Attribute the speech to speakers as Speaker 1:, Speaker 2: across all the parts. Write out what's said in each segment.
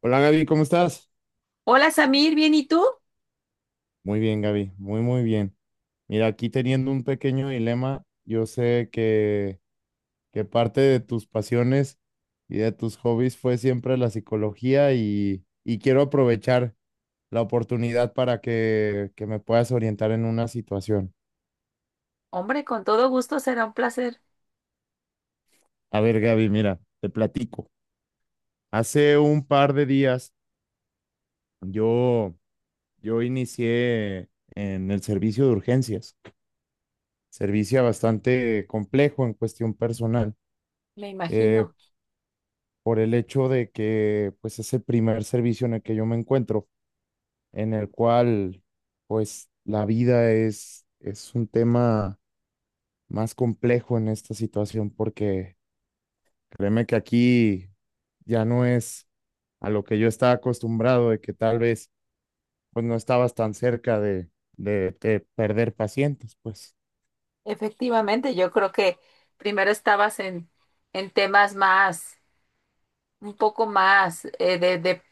Speaker 1: Hola Gaby, ¿cómo estás?
Speaker 2: Hola Samir, ¿bien y tú?
Speaker 1: Muy bien, Gaby, muy, muy bien. Mira, aquí teniendo un pequeño dilema, yo sé que parte de tus pasiones y de tus hobbies fue siempre la psicología y quiero aprovechar la oportunidad para que me puedas orientar en una situación.
Speaker 2: Hombre, con todo gusto será un placer,
Speaker 1: A ver, Gaby, mira, te platico. Hace un par de días yo, yo inicié en el servicio de urgencias, servicio bastante complejo en cuestión personal.
Speaker 2: me
Speaker 1: eh,
Speaker 2: imagino.
Speaker 1: por el hecho de que pues es el primer servicio en el que yo me encuentro, en el cual pues la vida es un tema más complejo en esta situación porque créeme que aquí ya no es a lo que yo estaba acostumbrado de que tal vez pues no estabas tan cerca de perder pacientes, pues.
Speaker 2: Efectivamente, yo creo que primero estabas en temas más, un poco más de,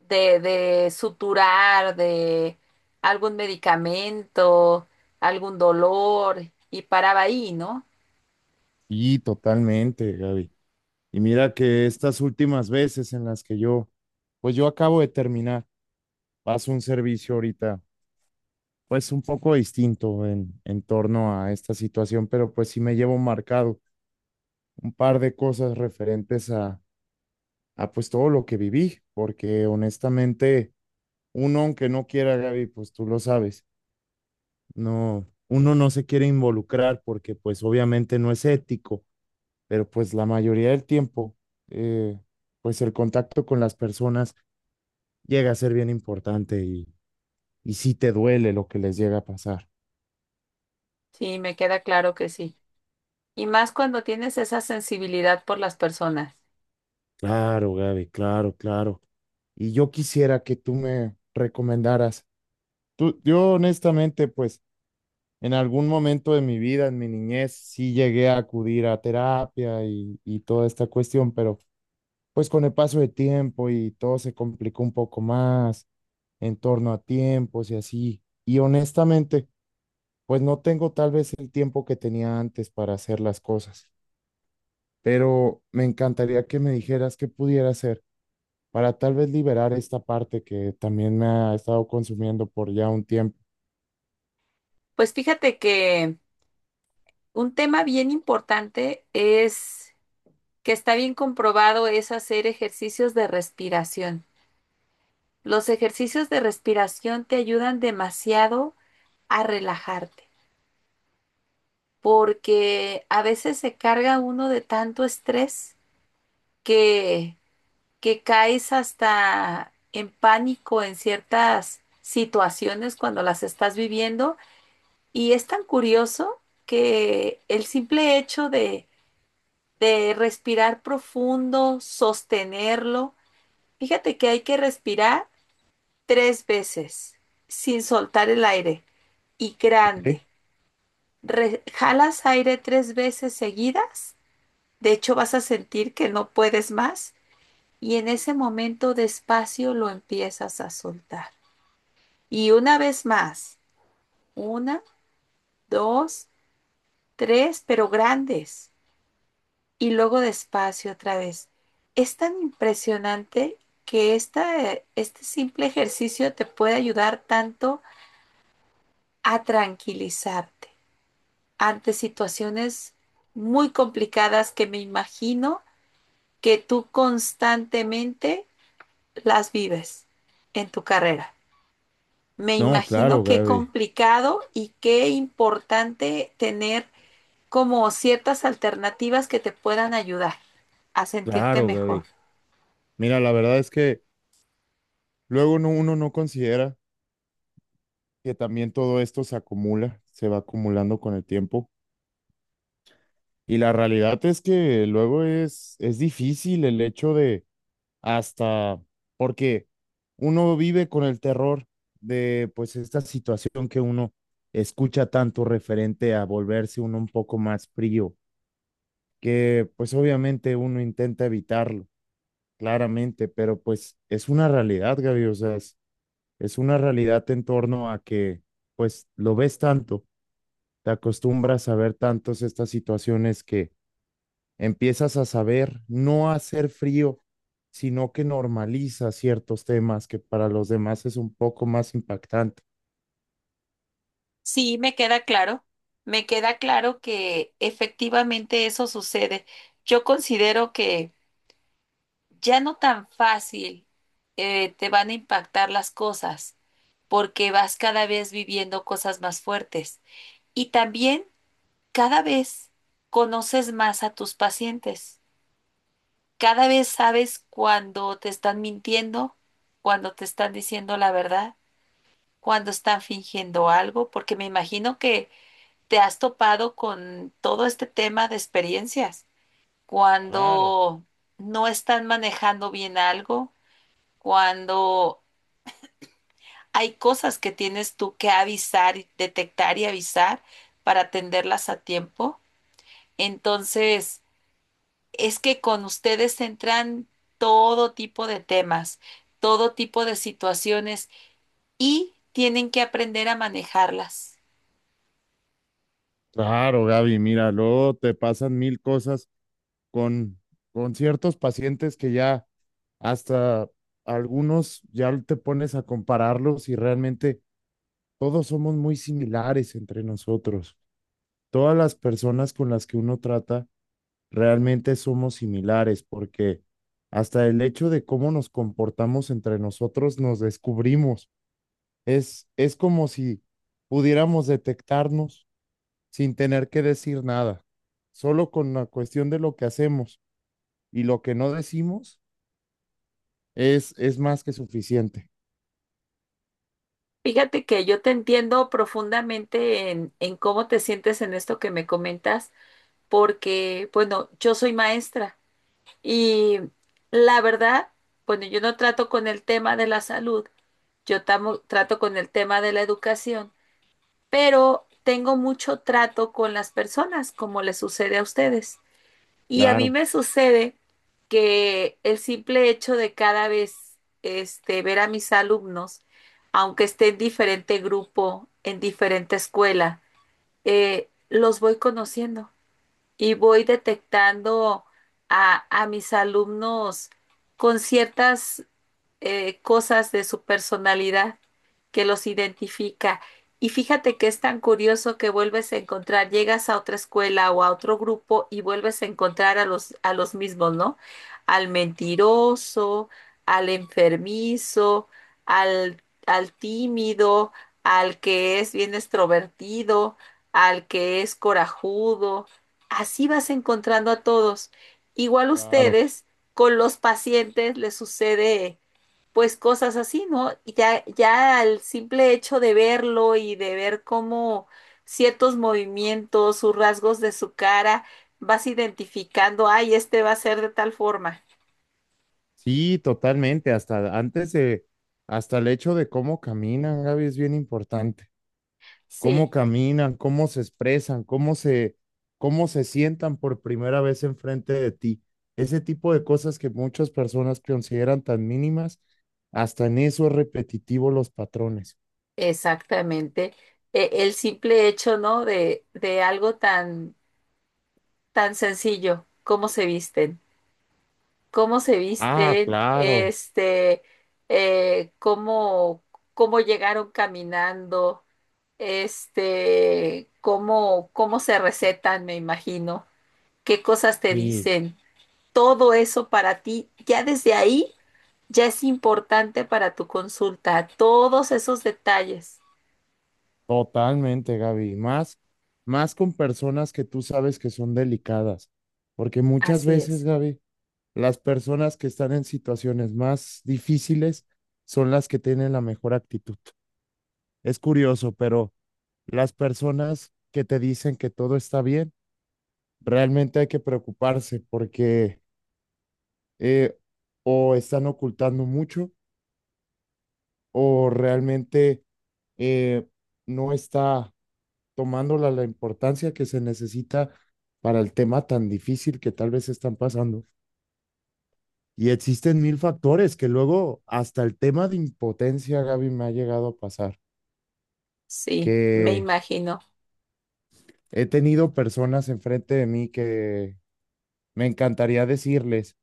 Speaker 2: de suturar, de algún medicamento, algún dolor, y paraba ahí, ¿no?
Speaker 1: Sí, totalmente, Gaby. Y mira que estas últimas veces en las que yo, pues yo acabo de terminar vas a un servicio ahorita, pues un poco distinto en torno a esta situación, pero pues sí me llevo marcado un par de cosas referentes a pues todo lo que viví, porque honestamente, uno aunque no quiera, Gaby, pues tú lo sabes, no, uno no se quiere involucrar porque pues obviamente no es ético, pero pues la mayoría del tiempo, eh, pues el contacto con las personas llega a ser bien importante y sí te duele lo que les llega a pasar.
Speaker 2: Sí, me queda claro que sí. Y más cuando tienes esa sensibilidad por las personas.
Speaker 1: Claro, Gaby, claro, claro. Y yo quisiera que tú me recomendaras. Tú, yo honestamente, pues en algún momento de mi vida, en mi niñez, sí llegué a acudir a terapia y toda esta cuestión, pero pues con el paso de tiempo y todo se complicó un poco más en torno a tiempos y así. Y honestamente, pues no tengo tal vez el tiempo que tenía antes para hacer las cosas, pero me encantaría que me dijeras qué pudiera hacer para tal vez liberar esta parte que también me ha estado consumiendo por ya un tiempo.
Speaker 2: Pues fíjate que un tema bien importante es que está bien comprobado es hacer ejercicios de respiración. Los ejercicios de respiración te ayudan demasiado a relajarte, porque a veces se carga uno de tanto estrés que, que caes hasta en pánico en ciertas situaciones cuando las estás viviendo. Y es tan curioso que el simple hecho de respirar profundo, sostenerlo, fíjate que hay que respirar tres veces sin soltar el aire y grande.
Speaker 1: ¿Ok?
Speaker 2: Jalas aire tres veces seguidas. De hecho, vas a sentir que no puedes más y en ese momento despacio lo empiezas a soltar. Y una vez más, una, dos, tres, pero grandes. Y luego despacio otra vez. Es tan impresionante que este simple ejercicio te puede ayudar tanto a tranquilizarte ante situaciones muy complicadas que me imagino que tú constantemente las vives en tu carrera. Me
Speaker 1: No, claro,
Speaker 2: imagino qué
Speaker 1: Gaby.
Speaker 2: complicado y qué importante tener como ciertas alternativas que te puedan ayudar a sentirte
Speaker 1: Claro,
Speaker 2: mejor.
Speaker 1: Gaby. Mira, la verdad es que luego uno no considera que también todo esto se acumula, se va acumulando con el tiempo. Y la realidad es que luego es difícil el hecho de hasta, porque uno vive con el terror de pues esta situación que uno escucha tanto referente a volverse uno un poco más frío, que pues obviamente uno intenta evitarlo, claramente, pero pues es una realidad, Gaby, o sea, es una realidad en torno a que pues lo ves tanto, te acostumbras a ver tantos estas situaciones que empiezas a saber no a hacer frío, sino que normaliza ciertos temas que para los demás es un poco más impactante.
Speaker 2: Sí, me queda claro. Me queda claro que efectivamente eso sucede. Yo considero que ya no tan fácil te van a impactar las cosas porque vas cada vez viviendo cosas más fuertes. Y también cada vez conoces más a tus pacientes. Cada vez sabes cuando te están mintiendo, cuando te están diciendo la verdad, cuando están fingiendo algo, porque me imagino que te has topado con todo este tema de experiencias,
Speaker 1: Claro.
Speaker 2: cuando no están manejando bien algo, cuando hay cosas que tienes tú que avisar, y detectar y avisar para atenderlas a tiempo. Entonces, es que con ustedes entran todo tipo de temas, todo tipo de situaciones y tienen que aprender a manejarlas.
Speaker 1: Claro, Gaby, mira, luego te pasan mil cosas con, con ciertos pacientes que ya hasta algunos ya te pones a compararlos y realmente todos somos muy similares entre nosotros. Todas las personas con las que uno trata realmente somos similares porque hasta el hecho de cómo nos comportamos entre nosotros nos descubrimos. Es como si pudiéramos detectarnos sin tener que decir nada, solo con la cuestión de lo que hacemos y lo que no decimos. Es más que suficiente.
Speaker 2: Fíjate que yo te entiendo profundamente en cómo te sientes en esto que me comentas, porque, bueno, yo soy maestra. Y la verdad, bueno, yo no trato con el tema de la salud, yo trato con el tema de la educación, pero tengo mucho trato con las personas, como les sucede a ustedes. Y a mí
Speaker 1: Claro,
Speaker 2: me sucede que el simple hecho de cada vez este, ver a mis alumnos, aunque esté en diferente grupo, en diferente escuela, los voy conociendo y voy detectando a mis alumnos con ciertas cosas de su personalidad que los identifica. Y fíjate que es tan curioso que vuelves a encontrar, llegas a otra escuela o a otro grupo y vuelves a encontrar a los mismos, ¿no? Al mentiroso, al enfermizo, al tímido, al que es bien extrovertido, al que es corajudo. Así vas encontrando a todos. Igual
Speaker 1: claro.
Speaker 2: ustedes con los pacientes les sucede pues cosas así, ¿no? Y ya, ya el simple hecho de verlo y de ver cómo ciertos movimientos, sus rasgos de su cara, vas identificando, ay, este va a ser de tal forma.
Speaker 1: Sí, totalmente. Hasta el hecho de cómo caminan, Gaby, es bien importante. Cómo
Speaker 2: Sí,
Speaker 1: caminan, cómo se expresan, cómo se sientan por primera vez enfrente de ti. Ese tipo de cosas que muchas personas consideran tan mínimas, hasta en eso es repetitivo los patrones.
Speaker 2: exactamente. El simple hecho, ¿no? De algo tan, tan sencillo, cómo se visten. Cómo se
Speaker 1: Ah,
Speaker 2: visten,
Speaker 1: claro.
Speaker 2: cómo, cómo llegaron caminando, este, cómo, cómo se recetan, me imagino, qué cosas te
Speaker 1: Sí.
Speaker 2: dicen. Todo eso para ti, ya desde ahí, ya es importante para tu consulta, todos esos detalles.
Speaker 1: Totalmente, Gaby. Más, más con personas que tú sabes que son delicadas. Porque muchas
Speaker 2: Así
Speaker 1: veces,
Speaker 2: es,
Speaker 1: Gaby, las personas que están en situaciones más difíciles son las que tienen la mejor actitud. Es curioso, pero las personas que te dicen que todo está bien, realmente hay que preocuparse porque eh, o están ocultando mucho o realmente eh, no está tomándola la importancia que se necesita para el tema tan difícil que tal vez están pasando. Y existen mil factores que luego hasta el tema de impotencia, Gaby, me ha llegado a pasar,
Speaker 2: sí, me
Speaker 1: que
Speaker 2: imagino,
Speaker 1: he tenido personas enfrente de mí que me encantaría decirles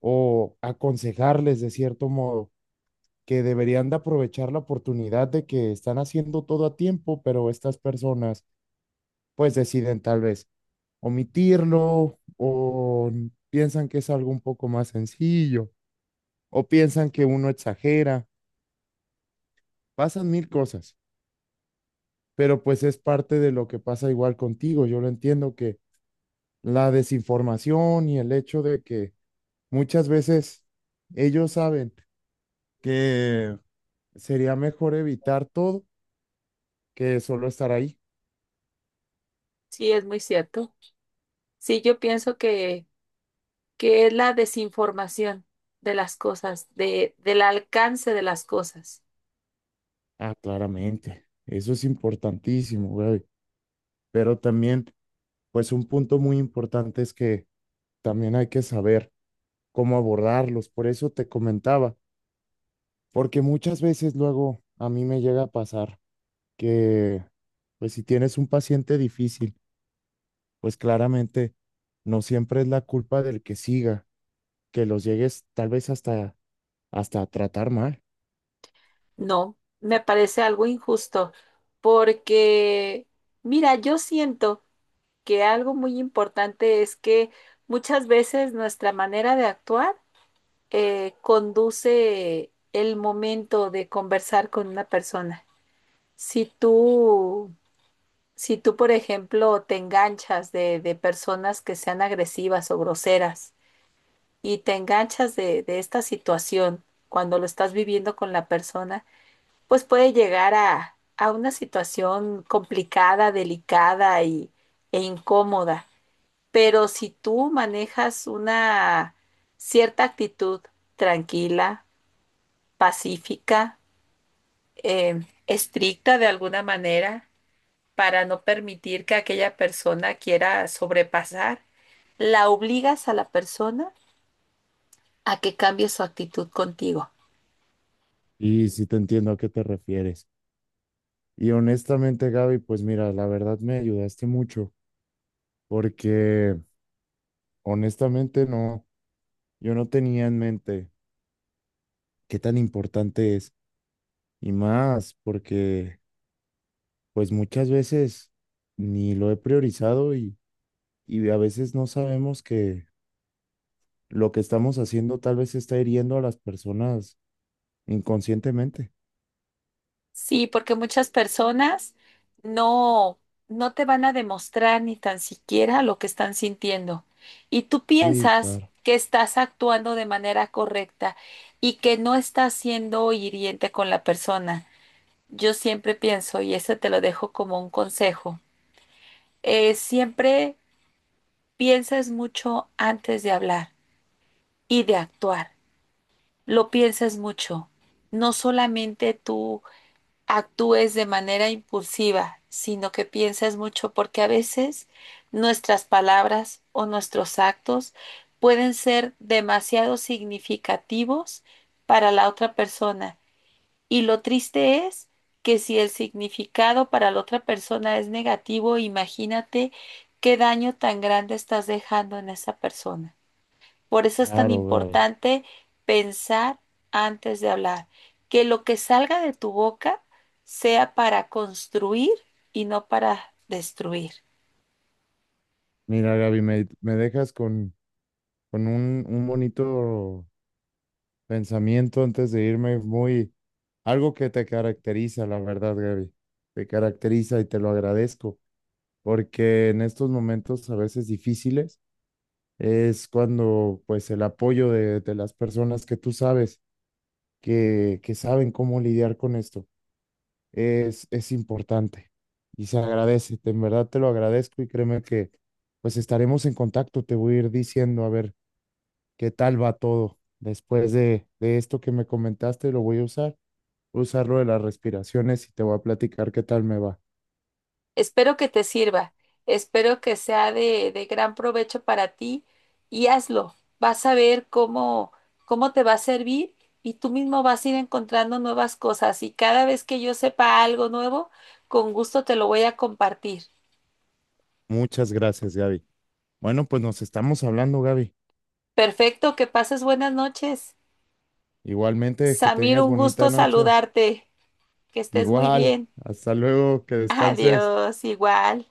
Speaker 1: o aconsejarles de cierto modo que deberían de aprovechar la oportunidad de que están haciendo todo a tiempo, pero estas personas pues deciden tal vez omitirlo o piensan que es algo un poco más sencillo o piensan que uno exagera. Pasan mil cosas, pero pues es parte de lo que pasa igual contigo. Yo lo entiendo, que la desinformación y el hecho de que muchas veces ellos saben que sería mejor evitar todo que solo estar ahí.
Speaker 2: sí, es muy cierto. Sí, yo pienso que es la desinformación de las cosas, de, del alcance de las cosas.
Speaker 1: Ah, claramente. Eso es importantísimo, güey. Pero también, pues un punto muy importante es que también hay que saber cómo abordarlos. Por eso te comentaba, porque muchas veces luego a mí me llega a pasar que, pues si tienes un paciente difícil, pues claramente no siempre es la culpa del que siga, que los llegues tal vez hasta a tratar mal.
Speaker 2: No, me parece algo injusto porque, mira, yo siento que algo muy importante es que muchas veces nuestra manera de actuar conduce el momento de conversar con una persona. Si tú, si tú, por ejemplo, te enganchas de personas que sean agresivas o groseras, y te enganchas de esta situación cuando lo estás viviendo con la persona, pues puede llegar a una situación complicada, delicada y, e incómoda. Pero si tú manejas una cierta actitud tranquila, pacífica, estricta de alguna manera, para no permitir que aquella persona quiera sobrepasar, la obligas a la persona a que cambie su actitud contigo.
Speaker 1: Y si te entiendo a qué te refieres. Y honestamente, Gaby, pues mira, la verdad me ayudaste mucho, porque honestamente no, yo no tenía en mente qué tan importante es, y más, porque pues muchas veces ni lo he priorizado y a veces no sabemos que lo que estamos haciendo tal vez está hiriendo a las personas inconscientemente.
Speaker 2: Sí, porque muchas personas no, no te van a demostrar ni tan siquiera lo que están sintiendo. Y tú
Speaker 1: Sí,
Speaker 2: piensas
Speaker 1: claro,
Speaker 2: que estás actuando de manera correcta y que no estás siendo hiriente con la persona. Yo siempre pienso, y eso te lo dejo como un consejo, siempre pienses mucho antes de hablar y de actuar. Lo piensas mucho. No solamente tú actúes de manera impulsiva, sino que pienses mucho, porque a veces nuestras palabras o nuestros actos pueden ser demasiado significativos para la otra persona. Y lo triste es que si el significado para la otra persona es negativo, imagínate qué daño tan grande estás dejando en esa persona. Por eso es tan
Speaker 1: claro, Gaby.
Speaker 2: importante pensar antes de hablar, que lo que salga de tu boca sea para construir y no para destruir.
Speaker 1: Mira, Gaby, me dejas con un bonito pensamiento antes de irme, muy, algo que te caracteriza, la verdad, Gaby. Te caracteriza y te lo agradezco, porque en estos momentos a veces difíciles, es cuando pues el apoyo de las personas que tú sabes que saben cómo lidiar con esto es importante y se agradece, en verdad te lo agradezco y créeme que pues estaremos en contacto, te voy a ir diciendo a ver qué tal va todo después de esto que me comentaste, lo voy a usar lo de las respiraciones y te voy a platicar qué tal me va.
Speaker 2: Espero que te sirva, espero que sea de gran provecho para ti y hazlo. Vas a ver cómo, cómo te va a servir y tú mismo vas a ir encontrando nuevas cosas y cada vez que yo sepa algo nuevo, con gusto te lo voy a compartir.
Speaker 1: Muchas gracias, Gaby. Bueno, pues nos estamos hablando, Gaby.
Speaker 2: Perfecto, que pases buenas noches.
Speaker 1: Igualmente, que
Speaker 2: Samir,
Speaker 1: tengas
Speaker 2: un
Speaker 1: bonita
Speaker 2: gusto
Speaker 1: noche.
Speaker 2: saludarte. Que estés muy
Speaker 1: Igual,
Speaker 2: bien.
Speaker 1: hasta luego, que descanses.
Speaker 2: Adiós, igual.